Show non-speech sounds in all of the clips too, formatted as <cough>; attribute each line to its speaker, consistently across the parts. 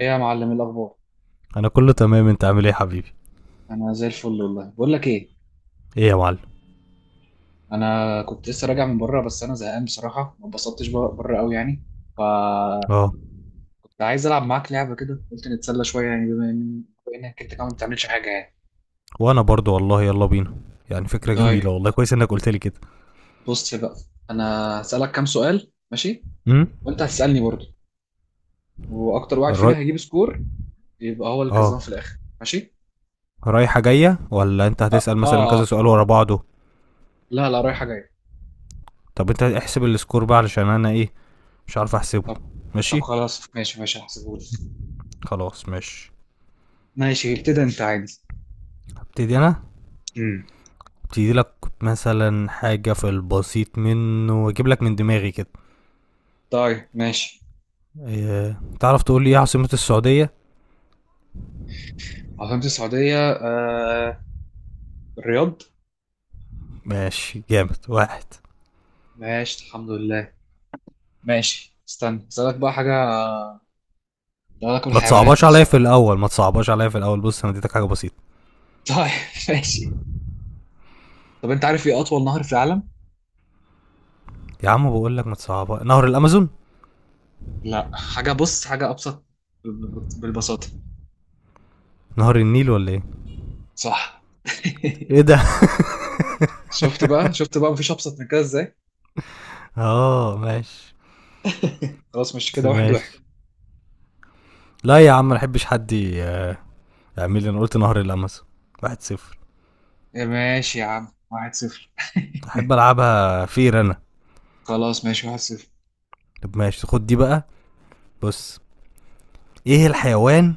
Speaker 1: ايه يا معلم، إيه الاخبار؟
Speaker 2: انا كله تمام، انت عامل ايه يا حبيبي؟
Speaker 1: انا زي الفل والله. بقول لك ايه،
Speaker 2: ايه يا معلم؟
Speaker 1: انا كنت لسه راجع من بره، بس انا زهقان بصراحه، ما اتبسطتش بره بره قوي يعني. فكنت
Speaker 2: اه.
Speaker 1: عايز العب معاك لعبه كده، قلت نتسلى شويه يعني، بما انك انت كمان ما بتعملش حاجه يعني.
Speaker 2: وانا برضو والله، يلا بينا. يعني فكرة جميلة
Speaker 1: طيب،
Speaker 2: والله، كويس انك قلت لي كده.
Speaker 1: بص بقى، انا هسالك كام سؤال ماشي؟
Speaker 2: امم
Speaker 1: وانت هتسالني برضه، واكتر واحد فينا
Speaker 2: الراي.
Speaker 1: هيجيب سكور يبقى هو اللي كسبان
Speaker 2: اه.
Speaker 1: في الاخر، ماشي.
Speaker 2: رايحة جاية ولا انت
Speaker 1: اه
Speaker 2: هتسأل مثلا
Speaker 1: اه آه.
Speaker 2: كذا سؤال ورا بعضه؟
Speaker 1: لا لا، رايحه جايه.
Speaker 2: طب انت احسب السكور بقى علشان انا ايه، مش عارف احسبه.
Speaker 1: طب طب
Speaker 2: ماشي.
Speaker 1: خلاص، ماشي ماشي هحسبهولك.
Speaker 2: خلاص ماشي.
Speaker 1: ماشي، ابتدي انت عادي.
Speaker 2: هبتدي انا،
Speaker 1: امم.
Speaker 2: ابتدي لك مثلا حاجة في البسيط منه واجيب لك من دماغي كده.
Speaker 1: طيب ماشي.
Speaker 2: إيه، تعرف تقول لي ايه عاصمة السعودية؟
Speaker 1: عاصمة السعودية الرياض.
Speaker 2: ماشي، جامد واحد.
Speaker 1: ماشي الحمد لله. ماشي، استنى اسألك بقى حاجة. لو أكل
Speaker 2: ما
Speaker 1: حيوانات
Speaker 2: تصعبهاش عليا
Speaker 1: مثلا.
Speaker 2: في الاول، ما تصعبهاش عليا في الاول. بص، انا اديتك حاجه بسيطه.
Speaker 1: <laughs> طيب ماشي. طب أنت عارف إيه أطول نهر في العالم؟
Speaker 2: يا عم بقول لك ما تصعبها، نهر الامازون.
Speaker 1: لا، حاجة، بص حاجة أبسط. بالبساطة.
Speaker 2: نهر النيل ولا ايه؟
Speaker 1: صح. <laughs>
Speaker 2: ايه ده؟ <laughs>
Speaker 1: شفت بقى شفت بقى مفيش أبسط من كده إزاي؟
Speaker 2: اه ماشي
Speaker 1: <laughs> خلاص، مش كده؟ واحد واحد.
Speaker 2: ماشي. لا يا عم، ما احبش حد يعمل لي، انا قلت نهر الامازون، واحد صفر.
Speaker 1: إيه، ماشي يا عم، واحد صفر.
Speaker 2: احب العبها فير انا.
Speaker 1: <laughs> خلاص ماشي، واحد صفر.
Speaker 2: طب ماشي، خد دي بقى. بص، ايه الحيوان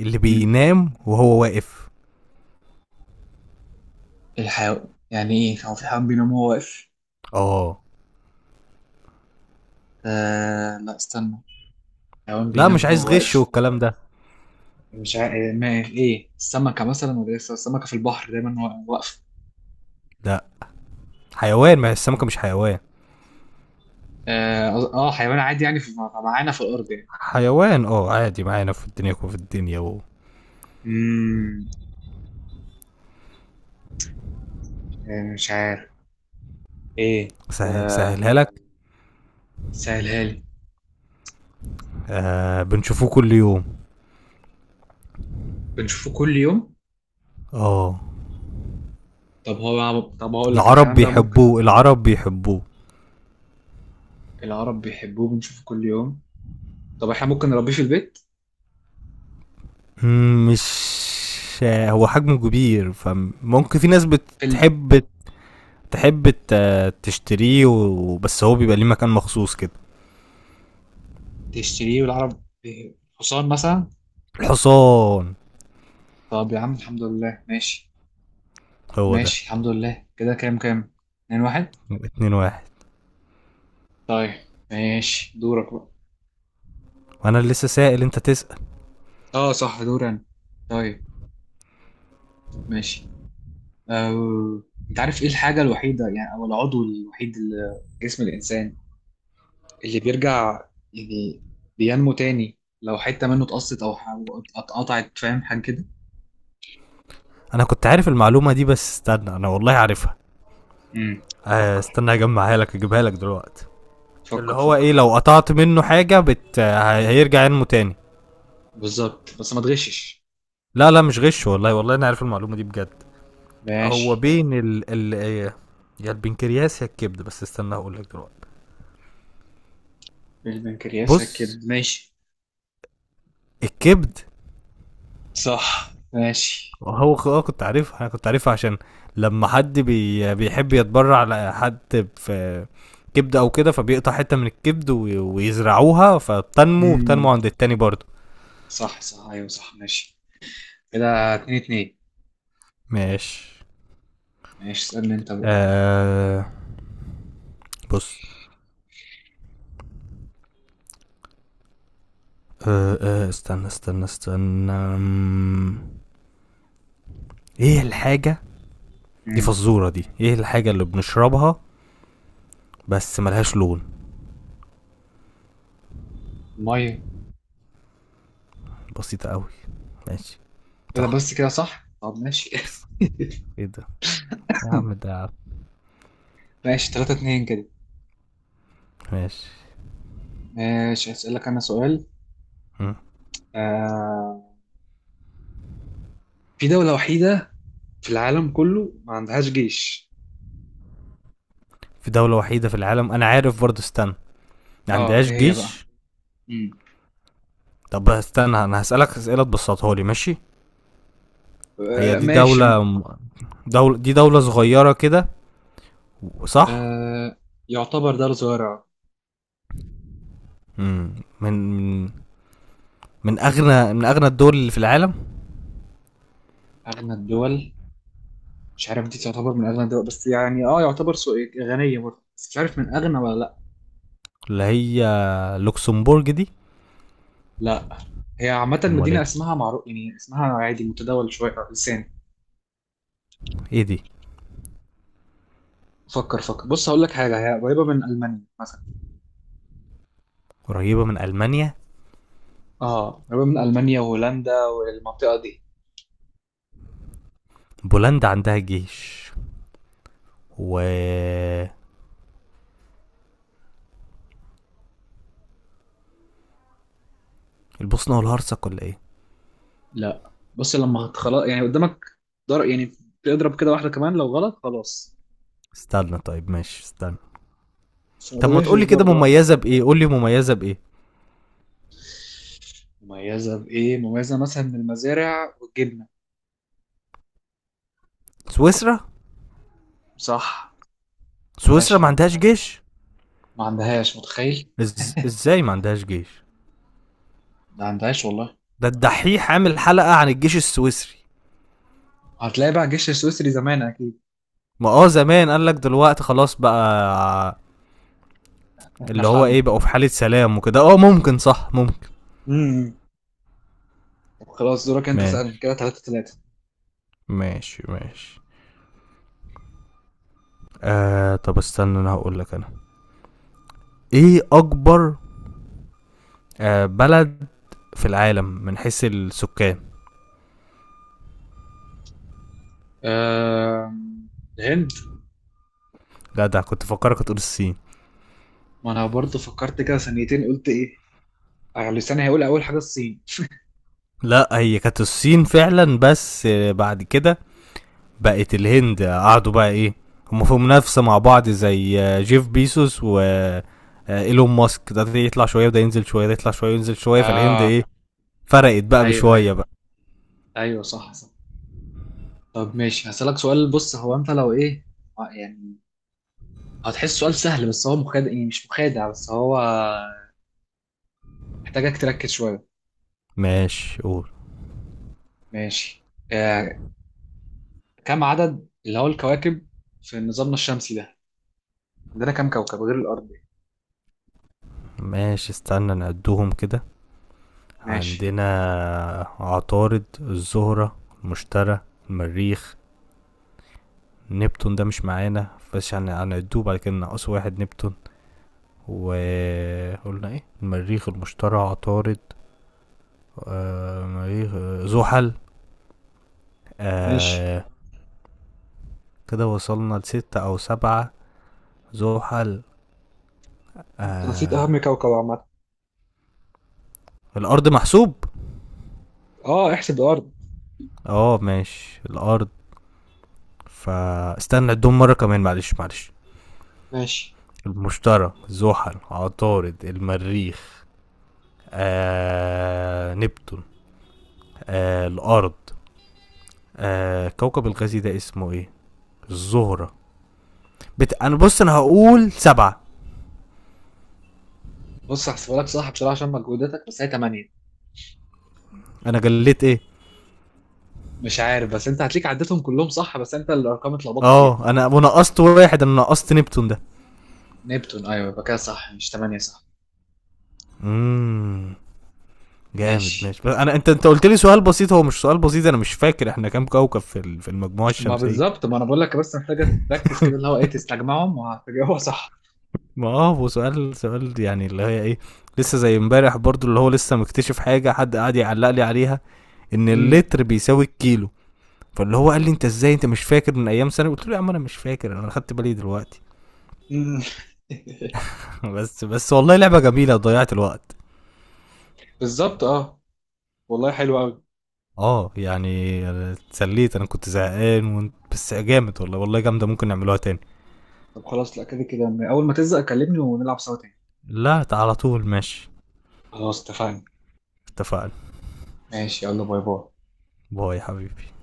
Speaker 2: اللي
Speaker 1: مم.
Speaker 2: بينام وهو واقف؟
Speaker 1: الحيوان يعني ايه؟ هو في حيوان بينام وهو واقف؟
Speaker 2: اه.
Speaker 1: آه، لا استنى، حيوان
Speaker 2: لا مش
Speaker 1: بينام
Speaker 2: عايز
Speaker 1: وهو
Speaker 2: غش
Speaker 1: واقف.
Speaker 2: والكلام ده.
Speaker 1: مش عا... ما ايه، السمكه مثلا، ولا ايه، السمكه في البحر دايما واقفه.
Speaker 2: لا حيوان، ما هي السمكه مش حيوان.
Speaker 1: اه. آه، حيوان عادي يعني، معانا في الارض يعني.
Speaker 2: حيوان اه، عادي معانا في الدنيا وفي الدنيا
Speaker 1: امم، يعني مش عارف ايه.
Speaker 2: سهل،
Speaker 1: آه...
Speaker 2: سهلها لك.
Speaker 1: سهلها لي.
Speaker 2: آه، بنشوفوه كل يوم.
Speaker 1: بنشوفه كل يوم.
Speaker 2: اه.
Speaker 1: طب هو، طب هقول لك
Speaker 2: العرب
Speaker 1: الحيوان ده ممكن.
Speaker 2: بيحبوه، العرب بيحبوه.
Speaker 1: العرب بيحبوه، بنشوفه كل يوم. طب احنا ممكن نربيه في البيت؟
Speaker 2: مم، مش آه، هو حجمه كبير، فممكن في ناس
Speaker 1: في ال...
Speaker 2: بتحب تحب تشتريه بس هو بيبقى ليه مكان مخصوص كده.
Speaker 1: تشتريه، والعرب إيه، حصان مثلا.
Speaker 2: الحصان،
Speaker 1: طب يا عم الحمد لله ماشي.
Speaker 2: هو ده.
Speaker 1: ماشي الحمد لله. كده كام كام، اتنين واحد.
Speaker 2: يبقى اتنين واحد.
Speaker 1: طيب ماشي، دورك بقى.
Speaker 2: وانا اللي لسه سائل انت تسأل.
Speaker 1: اه صح، دور انا. طيب ماشي. أه... انت عارف ايه الحاجة الوحيدة، يعني او العضو الوحيد اللي في جسم الانسان اللي بيرجع، يعني بينمو تاني لو حتة منه اتقصت او أو اتقطعت، فاهم حاجة كده؟
Speaker 2: انا كنت عارف المعلومة دي، بس استنى انا والله عارفها.
Speaker 1: امم.
Speaker 2: آه،
Speaker 1: فكر
Speaker 2: استنى اجمعها لك، اجيبها لك دلوقتي. اللي
Speaker 1: فكر
Speaker 2: هو ايه،
Speaker 1: فكر.
Speaker 2: لو قطعت منه حاجة هيرجع ينمو تاني.
Speaker 1: بالظبط، بس ما تغشش.
Speaker 2: لا لا، مش غش والله، والله انا عارف المعلومه دي بجد. هو
Speaker 1: ماشي.
Speaker 2: بين ال إيه، يا البنكرياس يا الكبد، بس استنى هقول لك دلوقتي.
Speaker 1: البنكرياس كده؟
Speaker 2: بص،
Speaker 1: ماشي.
Speaker 2: الكبد.
Speaker 1: صح ماشي.
Speaker 2: هو كنت عارفها، انا كنت عارفها عشان لما حد بيحب يتبرع لحد في كبد او كده، فبيقطع حته من الكبد ويزرعوها، فبتنمو وبتنمو
Speaker 1: امم.
Speaker 2: عند التاني برضه.
Speaker 1: صح صح، ايوه صح ماشي. كده اتنين اتنين.
Speaker 2: ماشي.
Speaker 1: ماشي، اسألني انت بقى.
Speaker 2: آه، بص. آه آه، استنى استنى استنى، ايه الحاجه دي؟
Speaker 1: امم.
Speaker 2: فزورة، دي ايه الحاجة اللي بنشربها بس ملهاش لون؟
Speaker 1: المية.
Speaker 2: بسيطة قوي. ماشي،
Speaker 1: كده
Speaker 2: صح.
Speaker 1: بس؟ كده صح، طب ماشي. <laughs>
Speaker 2: بس ايه ده، يا عم ده.
Speaker 1: ماشي 3-2 كده.
Speaker 2: ماشي.
Speaker 1: ماشي، هسألك انا سؤال.
Speaker 2: مم.
Speaker 1: آه، في دولة وحيدة في العالم كله ما عندهاش جيش.
Speaker 2: في دولة وحيدة في العالم، انا عارف برضه، استنى. ما
Speaker 1: اه
Speaker 2: عندهاش
Speaker 1: ايه هي بقى؟
Speaker 2: جيش.
Speaker 1: مم.
Speaker 2: طب استنى، انا هسألك اسئلة تبسطها لي، ماشي. هي
Speaker 1: آه
Speaker 2: دي
Speaker 1: ماشي.
Speaker 2: دولة، دولة، دي دولة صغيرة كده صح؟
Speaker 1: آه، يعتبر دولة صغيرة.
Speaker 2: مم. من من اغنى، من اغنى الدول اللي في العالم.
Speaker 1: اغنى الدول؟ مش عارف دي تعتبر من اغنى الدول، بس يعني اه يعتبر غنية برضه، بس مش عارف من اغنى ولا لا.
Speaker 2: اللي هي لوكسمبورج دي؟
Speaker 1: لا. هي عامة
Speaker 2: امال
Speaker 1: مدينة
Speaker 2: ايه،
Speaker 1: اسمها معروف، يعني اسمها عادي متداول شوية على اللسان.
Speaker 2: ايه دي؟
Speaker 1: فكر فكر، بص هقول لك حاجة، هي قريبة من ألمانيا مثلا.
Speaker 2: قريبة من المانيا.
Speaker 1: اه قريبة من المانيا وهولندا والمنطقه دي.
Speaker 2: بولندا عندها جيش، و البوسنة والهرسك ولا ايه؟
Speaker 1: لا بص، لما خلاص يعني قدامك ضرب يعني، تضرب كده واحده كمان لو غلط خلاص.
Speaker 2: استنى طيب ماشي استنى.
Speaker 1: بس ما
Speaker 2: طب ما
Speaker 1: تغشش
Speaker 2: تقولي كده
Speaker 1: برضه ها.
Speaker 2: مميزة بإيه؟ قولي مميزة بإيه؟
Speaker 1: مميزه بايه؟ مميزه مثلا من المزارع والجبنه.
Speaker 2: سويسرا؟
Speaker 1: صح.
Speaker 2: سويسرا
Speaker 1: ماشي يا
Speaker 2: ما
Speaker 1: عم،
Speaker 2: عندهاش جيش؟
Speaker 1: ما عندهاش متخيل.
Speaker 2: ازاي ما عندهاش جيش؟
Speaker 1: ما عندهاش والله.
Speaker 2: ده الدحيح عامل حلقة عن الجيش السويسري.
Speaker 1: هتلاقي بقى الجيش السويسري زمان اكيد.
Speaker 2: ما اه زمان، قال لك دلوقتي خلاص بقى.
Speaker 1: احنا
Speaker 2: اللي
Speaker 1: في
Speaker 2: هو
Speaker 1: حالنا.
Speaker 2: ايه، بقوا في حالة سلام وكده، اه ممكن، صح ممكن.
Speaker 1: امم. طب خلاص، دورك انت، سألني
Speaker 2: ماشي
Speaker 1: كده ثلاثة ثلاثة.
Speaker 2: ماشي ماشي. آه طب استنى، انا هقول لك انا. ايه اكبر آه، بلد في العالم من حيث السكان؟
Speaker 1: أه... الهند.
Speaker 2: لا ده كنت فكرك هتقول الصين.
Speaker 1: ما انا برضه فكرت كده ثانيتين، قلت ايه، آه، لساني هيقول اول حاجه الصين.
Speaker 2: لا، هي كانت الصين فعلا، بس آه، بعد كده بقت الهند. قعدوا بقى ايه، هم في منافسة مع بعض زي آه، جيف بيسوس و آه، ايلون ماسك، ده يطلع شوية وده ينزل شوية، ده يطلع شوية وينزل شوية. فالهند
Speaker 1: اه
Speaker 2: ايه، فرقت بقى
Speaker 1: ايوه
Speaker 2: بشوية
Speaker 1: ايوه،
Speaker 2: بقى.
Speaker 1: ايوه صح صح. طب ماشي، هسألك سؤال، بص هو انت لو ايه، آه، يعني هتحس سؤال سهل، بس هو مخادع، يعني مش مخادع، بس هو محتاجك تركز شويه.
Speaker 2: ماشي، قول.
Speaker 1: ماشي. آه، كم عدد اللي هو الكواكب في نظامنا الشمسي ده؟ عندنا كم كوكب غير الارض؟
Speaker 2: ماشي، استنى نعدهم كده.
Speaker 1: ماشي
Speaker 2: عندنا عطارد، الزهرة، المشتري، المريخ، نبتون ده مش معانا بس يعني هنعدوه بعد كده، ناقص واحد نبتون. وقلنا ايه، المريخ، المشتري، عطارد، آه مريخ، آه، زحل.
Speaker 1: ماشي.
Speaker 2: آه. كده وصلنا لستة او سبعة. زحل.
Speaker 1: انت نسيت اهم
Speaker 2: آه.
Speaker 1: كوكب عامه.
Speaker 2: الارض محسوب؟
Speaker 1: اه، احسب الارض.
Speaker 2: اه ماشي الارض. فاستنى عدهم مرة كمان، معلش معلش.
Speaker 1: ماشي،
Speaker 2: المشتري، زحل، عطارد، المريخ، آه نبتون، آه الارض، آه كوكب الغازي ده اسمه ايه، الزهرة. انا بص، انا هقول سبعة.
Speaker 1: بص هحسبها لك صح بصراحه عشان مجهوداتك، بس هي 8.
Speaker 2: انا جليت ايه.
Speaker 1: مش عارف، بس انت هتليك عدتهم كلهم صح، بس انت الارقام اتلخبطت فيها.
Speaker 2: اه انا ونقصت واحد، انا نقصت نبتون ده.
Speaker 1: نبتون، ايوه يبقى كده صح، مش 8 صح.
Speaker 2: امم، جامد
Speaker 1: ماشي.
Speaker 2: ماشي. بس انا انت قلت لي سؤال بسيط، هو مش سؤال بسيط، انا مش فاكر احنا كام كوكب في في المجموعة
Speaker 1: ما
Speaker 2: الشمسية.
Speaker 1: بالظبط، ما انا بقول لك بس محتاجه تركز كده، اللي
Speaker 2: <laughs>
Speaker 1: هو ايه، تستجمعهم وهتجاوبها صح.
Speaker 2: <applause> ما اه، هو سؤال سؤال يعني، اللي هي ايه، لسه زي امبارح برضو، اللي هو لسه مكتشف حاجة حد قاعد يعلق لي عليها ان
Speaker 1: امم
Speaker 2: اللتر بيساوي الكيلو. فاللي هو قال لي انت ازاي انت مش فاكر من ايام سنة، قلت له يا عم انا مش فاكر، انا خدت بالي دلوقتي.
Speaker 1: امم. <laughs>
Speaker 2: <laughs> <applause> بس بس والله لعبة جميلة، ضيعت الوقت.
Speaker 1: بالظبط اه. والله حلو قوي.
Speaker 2: اه يعني، اتسليت، انا كنت زهقان. وانت بس جامد والله، والله جامدة، ممكن نعملوها تاني.
Speaker 1: طب خلاص، لا كده كده. اول ما تزهق كلمني ونلعب سوا تاني.
Speaker 2: لا على طول ماشي.
Speaker 1: خلاص اتفقنا.
Speaker 2: اتفقنا.
Speaker 1: ماشي، يلا باي باي.
Speaker 2: باي يا حبيبي.